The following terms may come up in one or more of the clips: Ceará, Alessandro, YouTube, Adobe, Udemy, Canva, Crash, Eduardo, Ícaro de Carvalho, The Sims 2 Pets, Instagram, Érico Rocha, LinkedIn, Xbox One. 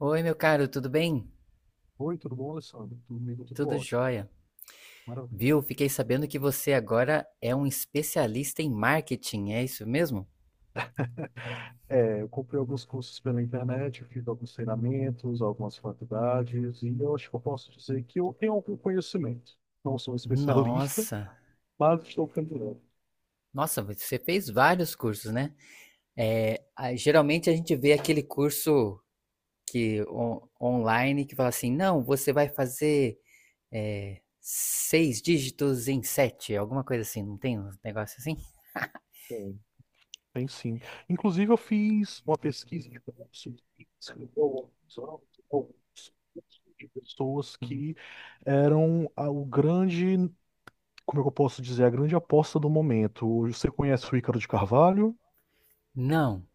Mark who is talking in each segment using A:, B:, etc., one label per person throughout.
A: Oi, meu caro, tudo bem? Tudo jóia. Viu? Fiquei sabendo que você agora é um especialista em marketing, é isso mesmo? Nossa, nossa, você fez vários cursos, né? Geralmente a gente vê aquele curso online que fala assim, não, você vai fazer seis dígitos em sete, alguma coisa assim, não tem um negócio assim?
B: É a grande aposta do momento. Você conhece o Ícaro de Carvalho?
A: Não.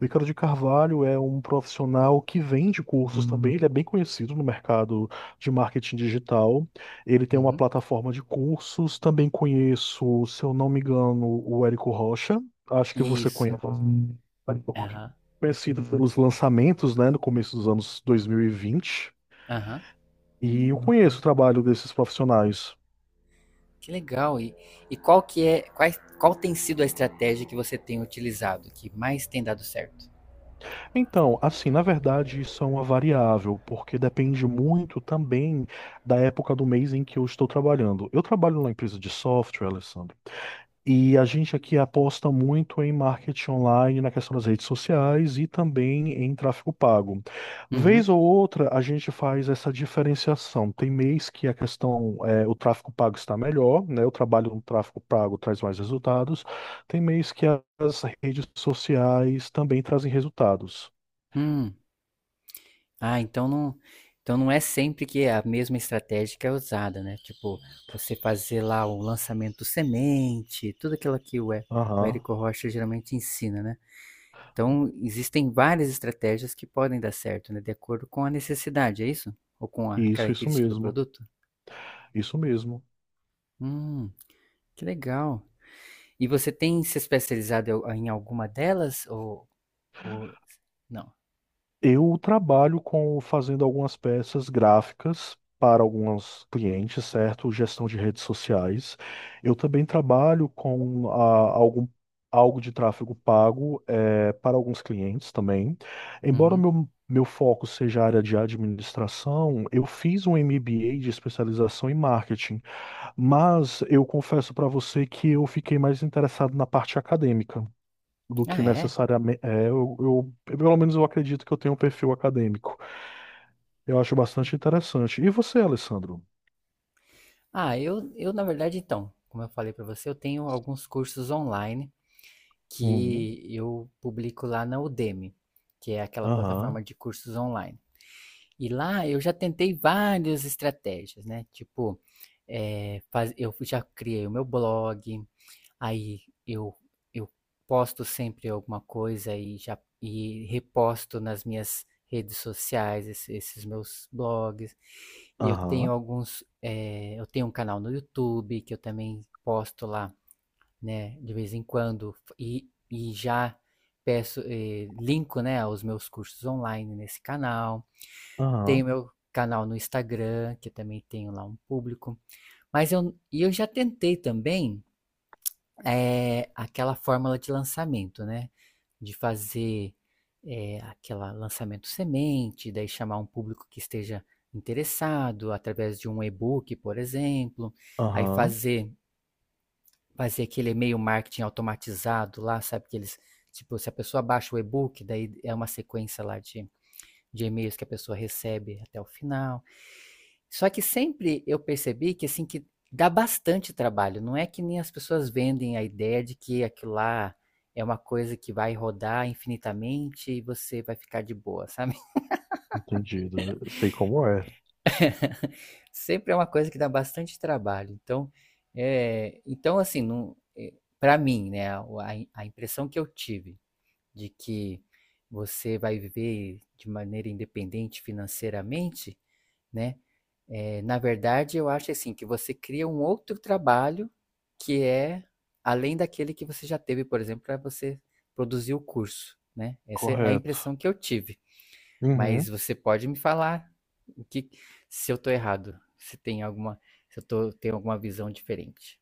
B: O Ícaro de Carvalho é um profissional que vende cursos também, ele é bem conhecido no mercado de marketing digital. Ele tem uma
A: Uhum.
B: plataforma de cursos. Também conheço, se eu não me engano, o Érico Rocha. Acho que você
A: Isso.
B: conhece,
A: Aham.
B: conhecido pelos lançamentos, né, no começo dos anos 2020. E
A: Aham.
B: vinte. E eu conheço o trabalho desses profissionais.
A: Que legal. E qual tem sido a estratégia que você tem utilizado, que mais tem dado certo?
B: Então, assim, na verdade, isso é uma variável, porque depende muito também da época do mês em que eu estou trabalhando. Eu trabalho numa empresa de software, Alessandro, e a gente aqui aposta muito em marketing online, na questão das redes sociais e também em tráfego pago.
A: Uhum.
B: Vez ou outra, a gente faz essa diferenciação. Tem mês que a questão, é, o tráfego pago está melhor, né? O trabalho no tráfego pago traz mais resultados. Tem mês que as redes sociais também trazem resultados.
A: Hum. Ah, então não é sempre que é a mesma estratégia que é usada, né? Tipo, você fazer lá o lançamento semente, tudo aquilo que o
B: Aham,
A: Érico Rocha geralmente ensina, né? Então existem várias estratégias que podem dar certo, né? De acordo com a necessidade, é isso? Ou com a
B: isso
A: característica do
B: mesmo,
A: produto?
B: isso mesmo.
A: Hum, que legal. E você tem se especializado em alguma delas? Ou não?
B: Eu trabalho com fazendo algumas peças gráficas para alguns clientes, certo? Gestão de redes sociais. Eu também trabalho com algum, algo de tráfego pago para alguns clientes também. Embora
A: Uhum.
B: meu foco seja a área de administração, eu fiz um MBA de especialização em marketing, mas eu confesso para você que eu fiquei mais interessado na parte acadêmica do
A: Ah,
B: que
A: é?
B: necessariamente é, eu, pelo menos eu acredito que eu tenho um perfil acadêmico. Eu acho bastante interessante. E você, Alessandro?
A: Ah, na verdade, então, como eu falei para você, eu tenho alguns cursos online
B: Uhum.
A: que eu publico lá na Udemy, que é aquela plataforma
B: Aham,
A: de cursos online. E lá eu já tentei várias estratégias, né? Tipo, eu já criei o meu blog. Aí eu eu posto sempre alguma coisa e já reposto nas minhas redes sociais esses meus blogs.
B: aham,
A: Eu tenho um canal no YouTube que eu também posto lá, né, de vez em quando, e já peço, linko, né, aos meus cursos online nesse canal.
B: aham,
A: Tenho meu canal no Instagram, que eu também tenho lá um público. Mas eu já tentei também aquela fórmula de lançamento, né? De fazer aquele lançamento semente, daí chamar um público que esteja interessado através de um e-book, por exemplo, aí
B: aham,
A: fazer aquele e-mail marketing automatizado lá, sabe, que eles, tipo, se a pessoa baixa o e-book, daí é uma sequência lá de e-mails que a pessoa recebe até o final. Só que sempre eu percebi que, assim, que dá bastante trabalho. Não é que nem as pessoas vendem a ideia de que aquilo lá é uma coisa que vai rodar infinitamente e você vai ficar de boa, sabe?
B: entendido.
A: Sempre é uma coisa que dá bastante trabalho. Então, assim, não, para mim, né, a impressão que eu tive de que você vai viver de maneira independente financeiramente, né? Na verdade, eu acho assim que você cria um outro trabalho que é além daquele que você já teve, por exemplo, para você produzir o curso, né? Essa é a
B: Correto.
A: impressão que eu tive. Mas
B: Uhum.
A: você pode me falar o que se eu tô errado, se tem se eu tenho alguma visão diferente.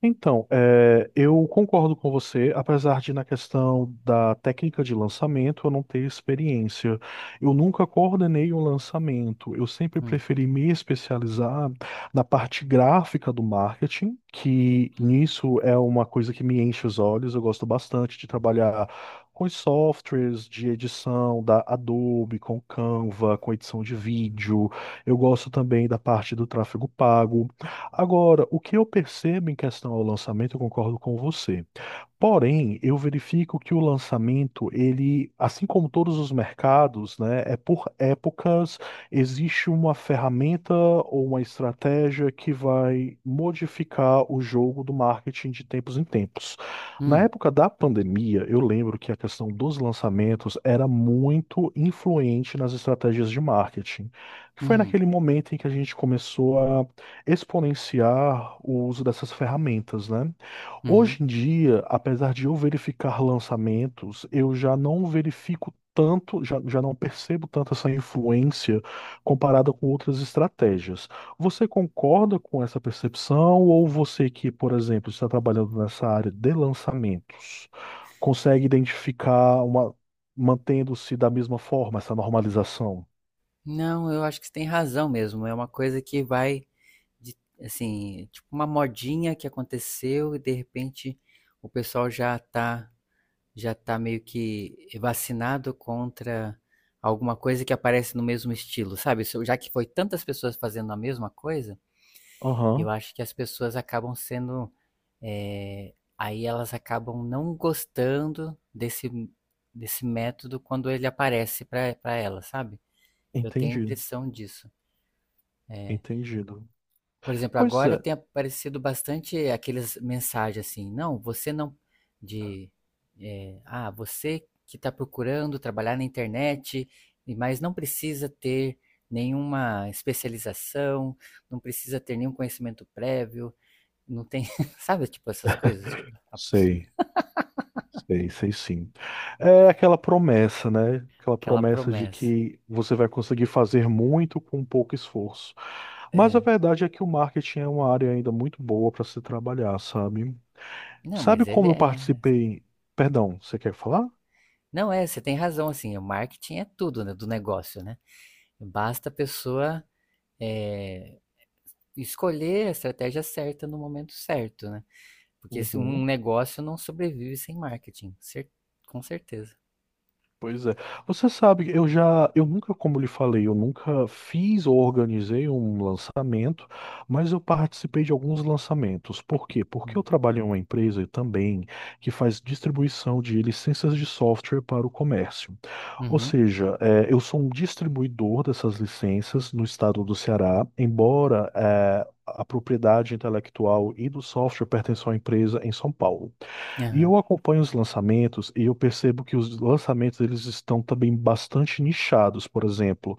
B: Então, é, eu concordo com você, apesar de na questão da técnica de lançamento eu não ter experiência. Eu nunca coordenei um lançamento, eu sempre
A: Hum,
B: preferi me especializar na parte gráfica do marketing, que nisso é uma coisa que me enche os olhos, eu gosto bastante de trabalhar com os softwares de edição da Adobe, com Canva, com edição de vídeo. Eu gosto também da parte do tráfego pago. Agora, o que eu percebo em questão ao lançamento, eu concordo com você. Porém, eu verifico que o lançamento, ele, assim como todos os mercados, né, é por épocas, existe uma ferramenta ou uma estratégia que vai modificar o jogo do marketing de tempos em tempos. Na
A: hum,
B: época da pandemia, eu lembro que a questão dos lançamentos era muito influente nas estratégias de marketing. Foi
A: uhum,
B: naquele momento em que a gente começou a exponenciar o uso dessas ferramentas, né?
A: uhum.
B: Hoje em dia, apesar de eu verificar lançamentos, eu já não verifico tanto, já, já não percebo tanto essa influência comparada com outras estratégias. Você concorda com essa percepção ou você que, por exemplo, está trabalhando nessa área de lançamentos, consegue identificar uma, mantendo-se da mesma forma essa normalização?
A: Não, eu acho que você tem razão mesmo. É uma coisa que De, assim, tipo, uma modinha que aconteceu e de repente o pessoal já tá meio que vacinado contra alguma coisa que aparece no mesmo estilo, sabe? Isso- Já que foi tantas pessoas fazendo a mesma coisa, eu
B: Aham,
A: acho que as pessoas acabam sendo. Aí elas acabam não gostando desse método quando ele aparece para elas, sabe? Eu tenho a
B: entendi,
A: impressão disso. É,
B: entendi.
A: por exemplo,
B: Pois
A: agora
B: é,
A: tem aparecido bastante aquelas mensagens assim, não, você não, de, é, ah, você que está procurando trabalhar na internet, mas não precisa ter nenhuma especialização, não precisa ter nenhum conhecimento prévio, não tem, sabe, tipo essas coisas,
B: sei. Sei, sei sim. É aquela promessa, né? Aquela
A: aquela
B: promessa de
A: promessa.
B: que você vai conseguir fazer muito com pouco esforço. Mas a
A: É.
B: verdade é que o marketing é uma área ainda muito boa para se trabalhar, sabe?
A: Não,
B: Sabe
A: mas ele
B: como eu
A: é,
B: participei? Perdão, você quer falar?
A: não é, você tem razão, assim, o marketing é tudo, né, do negócio, né? Basta a pessoa eh, escolher a estratégia certa no momento certo, né? Porque se- Um
B: Uhum.
A: negócio não sobrevive sem marketing, com certeza.
B: Pois é. Você sabe, eu já, eu nunca, como lhe falei, eu nunca fiz ou organizei um lançamento, mas eu participei de alguns lançamentos. Por quê? Porque eu
A: Hum.
B: trabalho em uma empresa também que faz distribuição de licenças de software para o comércio. Ou
A: Uhum.
B: seja, eu sou um distribuidor dessas licenças no estado do Ceará, embora a propriedade intelectual e do software pertençam à empresa em São Paulo. E
A: Aham.
B: eu acompanho os lançamentos e eu percebo que os lançamentos eles estão também bastante nichados. Por exemplo,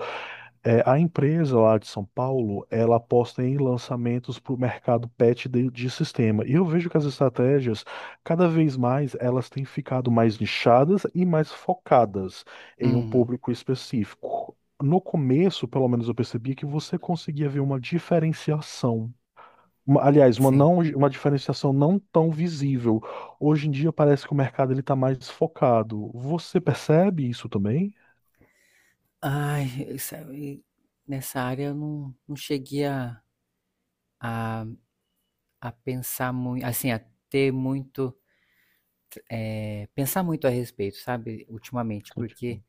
B: é, a empresa lá de São Paulo, ela aposta em lançamentos para o mercado pet de sistema. E eu vejo que as estratégias, cada vez mais, elas têm ficado mais nichadas e mais focadas em um
A: Uhum.
B: público específico. No começo, pelo menos, eu percebia que você conseguia ver uma diferenciação. Uma- Aliás, uma
A: Sim.
B: não, uma diferenciação não tão visível. Hoje em dia parece que o mercado ele está mais focado. Você percebe isso também?
A: Ai, sabe, nessa área eu não cheguei a, a pensar muito, assim, a ter pensar muito a respeito, sabe, ultimamente, porque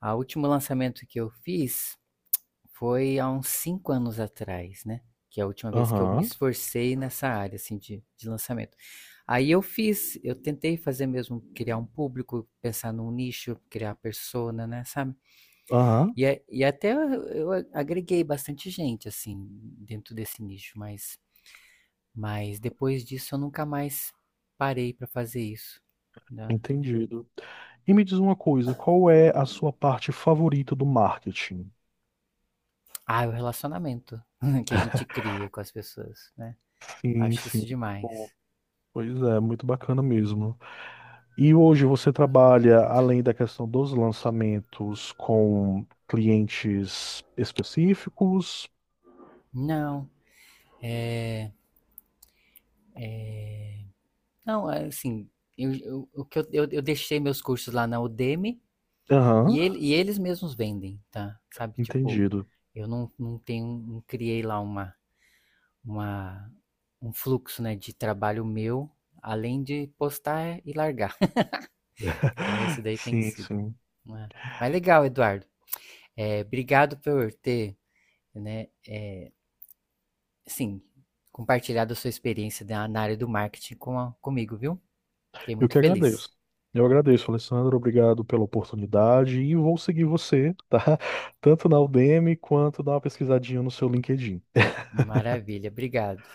A: a último lançamento que eu fiz foi há uns 5 anos atrás, né, que é a última vez que eu me
B: Aham,
A: esforcei nessa área, assim, de lançamento. Aí eu fiz, eu tentei fazer mesmo, criar um público, pensar num nicho, criar persona, né, sabe.
B: aham,
A: E a e até eu a- Agreguei bastante gente, assim, dentro desse nicho, mas depois disso eu nunca mais parei para fazer isso, né.
B: entendido. E me diz uma coisa, qual é a sua parte favorita do marketing?
A: Ah, o relacionamento que a gente cria com as pessoas, né.
B: Sim,
A: Acho isso
B: sim. Bom,
A: demais.
B: pois é, muito bacana mesmo. E hoje você trabalha, além da questão dos lançamentos, com clientes específicos?
A: Não. Não, é assim, eu, o que eu deixei meus cursos lá na Udemy
B: Aham,
A: e eles mesmos vendem, tá? Sabe, tipo,
B: entendido.
A: eu não tenho, não criei lá uma, um fluxo, né, de trabalho meu, além de postar e largar. Então esse daí tem que
B: Sim,
A: ser.
B: sim.
A: Né? Mas legal, Eduardo. Obrigado por ter, né, é, sim, compartilhado a sua experiência na área do marketing comigo, viu? Fiquei
B: Eu
A: muito
B: que
A: feliz.
B: agradeço. Eu agradeço, Alessandro. Obrigado pela oportunidade e vou seguir você, tá? Tanto na Udemy quanto dar uma pesquisadinha no seu LinkedIn.
A: Maravilha, obrigado.